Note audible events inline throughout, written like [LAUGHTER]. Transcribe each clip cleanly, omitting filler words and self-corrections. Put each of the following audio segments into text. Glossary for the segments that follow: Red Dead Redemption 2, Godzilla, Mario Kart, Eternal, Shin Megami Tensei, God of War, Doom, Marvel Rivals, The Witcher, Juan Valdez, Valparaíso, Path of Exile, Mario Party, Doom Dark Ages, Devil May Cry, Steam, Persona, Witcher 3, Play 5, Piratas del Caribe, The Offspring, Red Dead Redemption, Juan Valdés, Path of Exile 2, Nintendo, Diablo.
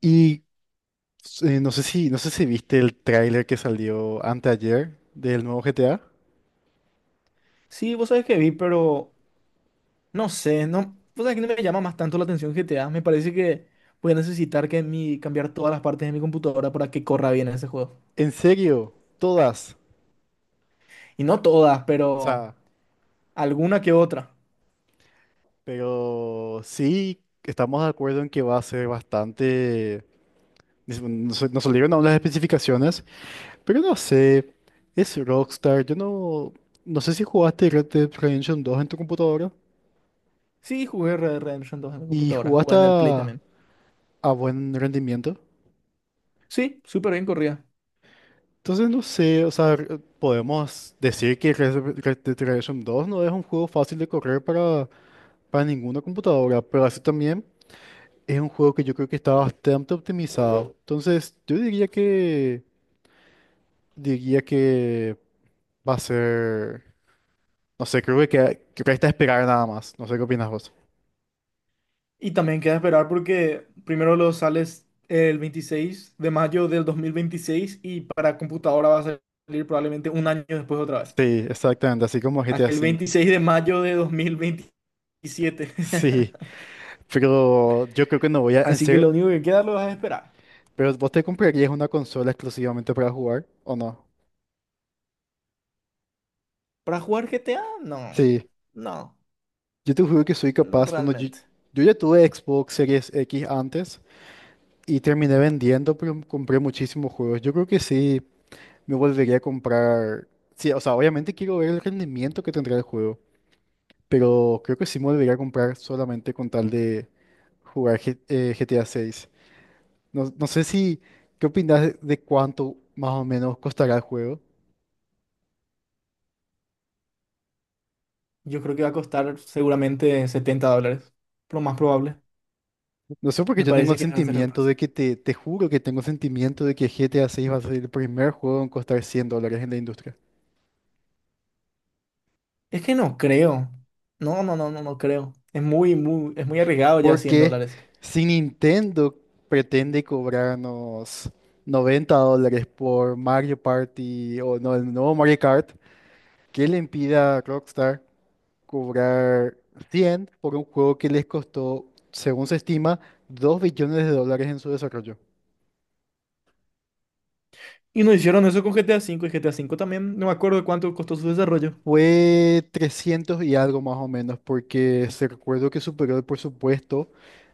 Y no sé si viste el tráiler que salió anteayer del nuevo GTA. Sí, vos sabés que vi, pero no sé, no, vos sabés que no me llama más tanto la atención GTA. Me parece que voy a necesitar que cambiar todas las partes de mi computadora para que corra bien ese juego. En serio, todas. Y no todas, O pero sea, alguna que otra. pero sí estamos de acuerdo en que va a ser bastante. Nos salieron aún las especificaciones, pero no sé. Es Rockstar. Yo no. No sé si jugaste Red Dead Redemption 2 en tu computadora Sí, jugué Red Dead Redemption dos en mi y computadora, jugaste jugué en el Play a, también. a buen rendimiento. Sí, súper bien corría. Entonces no sé, o sea, podemos decir que Red Dead Redemption 2 no es un juego fácil de correr para ninguna computadora, pero así también es un juego que yo creo que está bastante optimizado. Entonces yo diría que va a ser, no sé, creo que que resta esperar nada más, no sé qué opinas vos. Y también queda esperar porque primero lo sales el 26 de mayo del 2026 y para computadora va a salir probablemente un año después otra vez. Sí, exactamente, así como GTA Hasta el V. 26 de mayo de dos mil veintisiete. Sí, [LAUGHS] pero yo creo que no voy a, en Así que serio, lo único que queda lo es esperar. pero vos te comprarías una consola exclusivamente para jugar, ¿o no? ¿Para jugar GTA? No, Sí. no, Yo te juro que soy no capaz, cuando yo, realmente. yo ya tuve Xbox Series X antes y terminé vendiendo, pero compré muchísimos juegos. Yo creo que sí, me volvería a comprar. Sí, o sea, obviamente quiero ver el rendimiento que tendrá el juego, pero creo que sí me volvería a comprar solamente con tal de jugar GTA 6. No, no sé si, ¿qué opinas de cuánto más o menos costará el juego? Yo creo que va a costar seguramente setenta dólares. Lo más probable. No sé porque Me yo tengo parece el que ese va a ser el sentimiento precio. de que te juro que tengo el sentimiento de que GTA 6 va a ser el primer juego en costar $100 en la industria. Es que no creo. No, no, no, no, no creo. Es muy, muy, es muy arriesgado ya 100 Porque dólares. si Nintendo pretende cobrarnos $90 por Mario Party o no, el nuevo Mario Kart, ¿qué le impide a Rockstar cobrar 100 por un juego que les costó, según se estima, 2 billones de dólares en su desarrollo? Y no hicieron eso con GTA cinco y GTA cinco también. No me acuerdo cuánto costó su desarrollo. Fue 300 y algo más o menos, porque se recuerdo que superó el presupuesto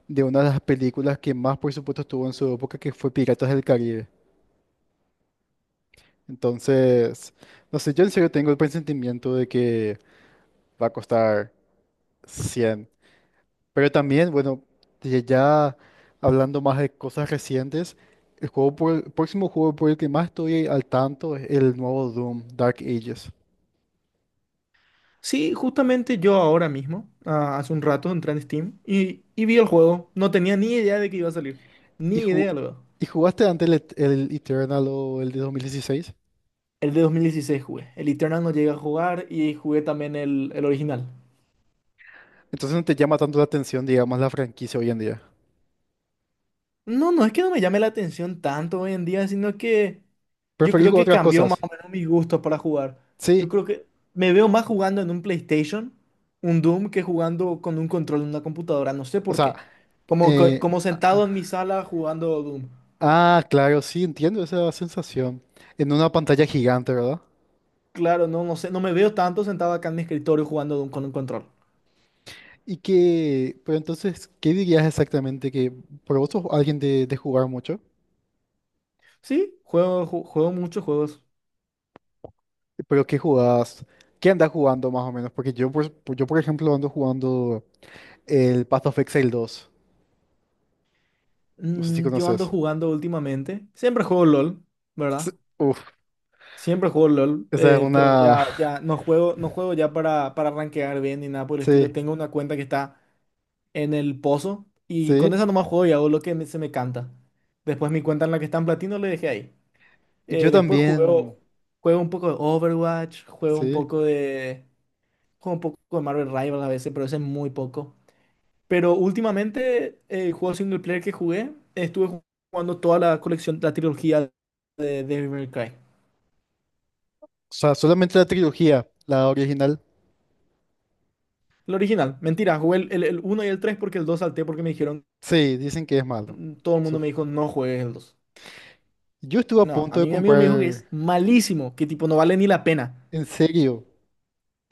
de una de las películas que más presupuesto tuvo en su época, que fue Piratas del Caribe. Entonces, no sé, yo en serio tengo el presentimiento de que va a costar 100. Pero también, bueno, de ya hablando más de cosas recientes, el próximo juego por el que más estoy al tanto es el nuevo Doom, Dark Ages. Sí, justamente yo ahora mismo, hace un rato, entré en Steam y vi el juego. No tenía ni idea de que iba a salir. ¿Y, Ni ju- idea, luego. y jugaste antes el Eternal o el de 2016? El de 2016 jugué. El Eternal no llegué a jugar y jugué también el original. Entonces no te llama tanto la atención, digamos, la franquicia hoy en día. No, no es que no me llame la atención tanto hoy en día, sino que yo ¿Preferís creo jugar que otras cambió más cosas? o menos mis gustos para jugar. Yo Sí. creo que me veo más jugando en un PlayStation, un Doom, que jugando con un control en una computadora. No sé O por sea, qué. Eh, Como sentado en mi sala jugando Doom. ah, claro, sí, entiendo esa sensación. En una pantalla gigante, ¿verdad? Claro, no, no sé, no me veo tanto sentado acá en mi escritorio jugando de con un control. Pero entonces, ¿qué dirías exactamente que, por vos sos alguien de jugar mucho? Sí, juego muchos juegos. ¿Pero qué jugás? ¿Qué andas jugando más o menos? Porque yo, por ejemplo, ando jugando el Path of Exile 2. No sé si Mm, yo ando conoces. jugando últimamente. Siempre juego LOL, ¿verdad? S- Uf, Siempre juego LOL, esa es pero una. Ya [LAUGHS] no juego, no juego ya para rankear bien ni nada por el estilo. Sí, Tengo una cuenta que está en el pozo y con sí. esa nomás juego y hago lo que se me canta. Después mi cuenta en la que está en platino le dejé ahí. Yo Después también, juego, juego un poco de Overwatch, juego un sí. poco de... juego un poco de Marvel Rivals a veces, pero ese es muy poco. Pero últimamente el juego single player que jugué, estuve jugando toda la colección, la trilogía de Devil May Cry. O sea, solamente la trilogía, la original. El original, mentira, jugué el 1 y el 3 porque el 2 salté porque me dijeron, Sí, dicen que es malo. todo el mundo Su- me dijo, no juegues el dos. Yo estuve a No, a punto de mí mi amigo me dijo que comprar. es malísimo, que tipo no vale ni la pena. En serio,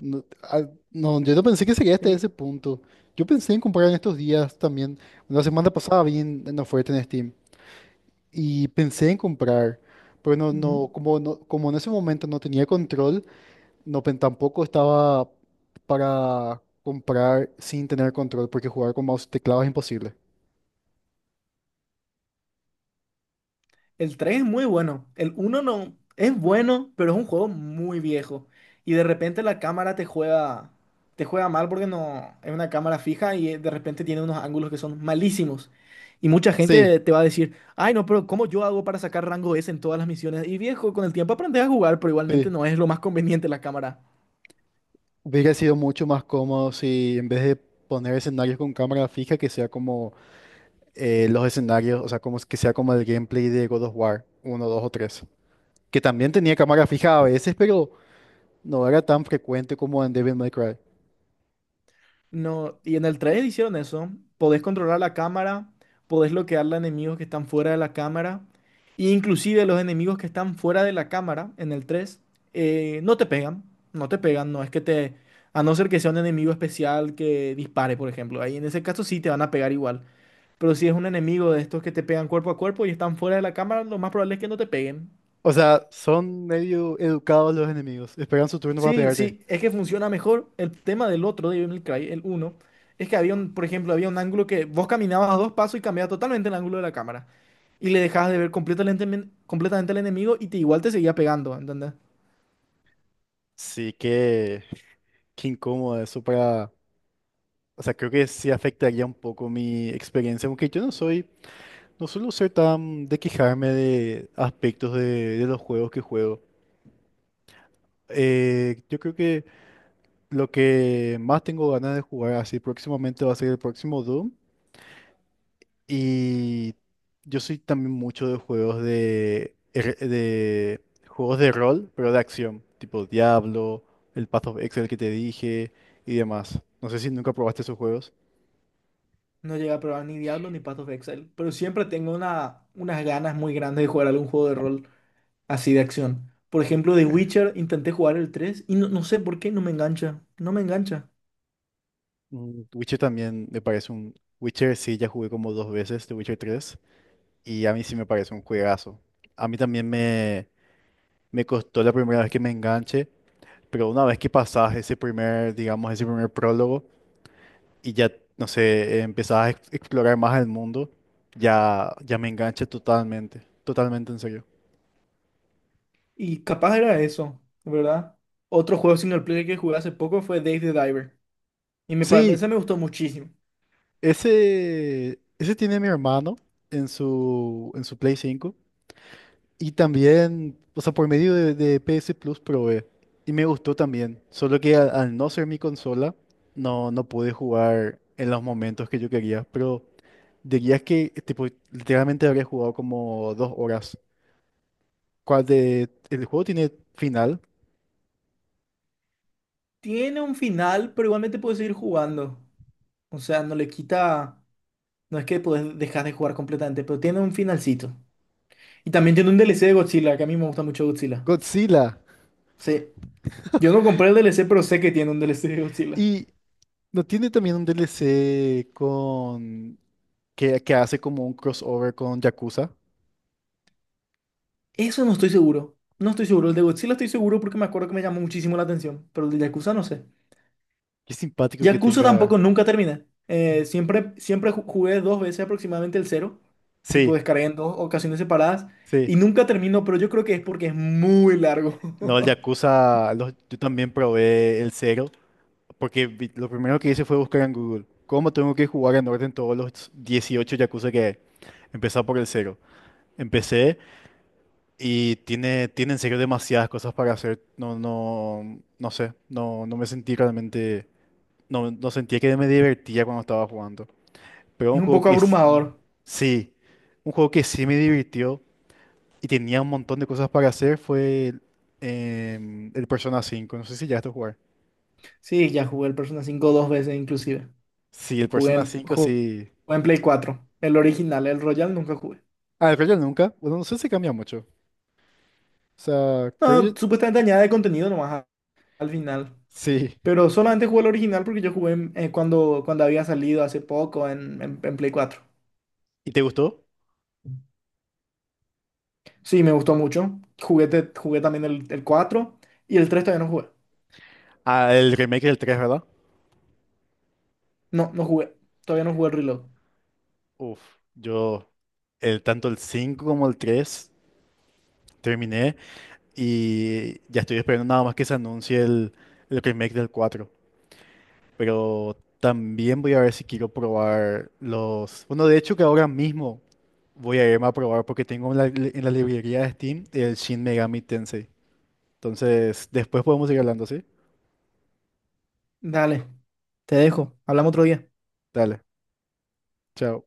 no, ah, no, yo no pensé que sería hasta ese Sí. punto. Yo pensé en comprar en estos días también. La semana pasada vi en oferta en Steam y pensé en comprar, pero no, Ujú. no, como, no, como en ese momento no tenía control, no, tampoco estaba para comprar sin tener control, porque jugar con mouse y teclado es imposible. El 3 es muy bueno. El uno no es bueno, pero es un juego muy viejo. Y de repente la cámara te juega mal porque no es una cámara fija y de repente tiene unos ángulos que son malísimos. Y mucha gente Sí, te va a decir, ay no, pero ¿cómo yo hago para sacar rango S en todas las misiones? Y viejo, con el tiempo aprendes a jugar, pero igualmente sí. no es lo más conveniente la cámara. Hubiera sido mucho más cómodo si en vez de poner escenarios con cámara fija, que sea como los escenarios, o sea, como es que sea como el gameplay de God of War uno, 2 o 3, que también tenía cámara fija a veces, pero no era tan frecuente como en Devil May Cry. No, y en el 3 hicieron eso. Podés controlar la cámara, podés bloquear a enemigos que están fuera de la cámara. E inclusive los enemigos que están fuera de la cámara en el 3 no te pegan. No te pegan, no es que te... A no ser que sea un enemigo especial que dispare, por ejemplo. Ahí en ese caso sí te van a pegar igual. Pero si es un enemigo de estos que te pegan cuerpo a cuerpo y están fuera de la cámara, lo más probable es que no te peguen. O sea, son medio educados los enemigos, esperan su turno para Sí, pegarte. sí, es que funciona mejor. El tema del otro, de Devil May Cry, el uno es que había un, por ejemplo, había un ángulo que vos caminabas a dos pasos y cambiaba totalmente el ángulo de la cámara. Y le dejabas de ver completamente, completamente al enemigo y te igual te seguía pegando, ¿entendés? Sí, que qué incómodo eso para. O sea, creo que sí afectaría un poco mi experiencia, aunque yo no soy, no suelo ser tan de quejarme de aspectos de, los juegos que juego. Yo creo que lo que más tengo ganas de jugar así próximamente va a ser el próximo Doom. Y yo soy también mucho de juegos de juegos de rol, pero de acción, tipo Diablo, el Path of Exile que te dije y demás. No sé si nunca probaste esos juegos. No llegué a probar ni Diablo ni Path of Exile, pero siempre tengo unas ganas muy grandes de jugar algún juego de rol así de acción. Por ejemplo, The Witcher, intenté jugar el 3 y no, no sé por qué no me engancha, no me engancha. Witcher también me parece un. Witcher sí, ya jugué como dos veces, de Witcher tres y a mí sí me parece un juegazo. A mí también me costó la primera vez que me enganché. Pero una vez que pasás ese primer, digamos, ese primer prólogo y ya, no sé, empezás a explorar más el mundo, ya me enganché totalmente, totalmente en serio. Y capaz era eso, ¿verdad? Otro juego single player que jugué hace poco fue Dave the Diver. Y Sí, ese me gustó muchísimo. ese tiene mi hermano en su Play cinco y también, o sea, por medio de, PS Plus probé y me gustó también, solo que al no ser mi consola, no, no pude jugar en los momentos que yo quería, pero. Dirías que tipo, literalmente habría jugado como 2 horas. ¿Cuál de? El juego tiene final. Tiene un final, pero igualmente puedes seguir jugando. O sea, no le quita. No es que puedes dejar de jugar completamente, pero tiene un finalcito. Y también tiene un DLC de Godzilla, que a mí me gusta mucho Godzilla. Godzilla. Sí. Yo no compré el DLC, pero sé que tiene un DLC de Godzilla. Y no tiene también un DLC con. Que hace como un crossover con Yakuza. Eso no estoy seguro. No estoy seguro. El de Godzilla estoy seguro porque me acuerdo que me llamó muchísimo la atención. Pero el de Yakuza no sé. Qué simpático que Yakuza tampoco tenga. nunca termina. Siempre, jugué dos veces aproximadamente el cero, tipo Sí, descargué en dos ocasiones separadas y sí. nunca termino, pero yo creo que es porque es muy largo. No, el [LAUGHS] Yakuza, yo también probé el cero, porque lo primero que hice fue buscar en Google cómo tengo que jugar en orden todos los 18 Yakuza que hay. Empezar por el cero. Empecé. Y tiene en serio demasiadas cosas para hacer. No, no, no sé. No, no me sentí realmente. No, no sentía que me divertía cuando estaba jugando. Pero Es un un juego poco que sí. abrumador. Sí. Un juego que sí me divirtió y tenía un montón de cosas para hacer fue el Persona 5. No sé si ya está a jugar. Sí, ya jugué el Persona cinco dos veces inclusive. Sí, el Jugué Persona en, 5 ju- sí. Jugué en Play 4 el original, el Royal nunca jugué. Ah, el Royal nunca. Bueno, no sé si cambia mucho. O sea, creo No, que- supuestamente añade contenido nomás al final, Sí. pero solamente jugué el original porque yo jugué cuando había salido hace poco en Play cuatro. ¿Y te gustó? Sí, me gustó mucho. Jugué también el 4 y el 3 todavía no jugué. Ah, el remake del tres, ¿verdad? No, no jugué. Todavía no jugué el Reload. Uf, yo, tanto el 5 como el 3 terminé y ya estoy esperando nada más que se anuncie el remake del cuatro. Pero también voy a ver si quiero probar los. Bueno, de hecho que ahora mismo voy a irme a probar porque tengo en la librería de Steam el Shin Megami Tensei. Entonces, después podemos seguir hablando, ¿sí? Dale, te dejo. Hablamos otro día. Dale, chao.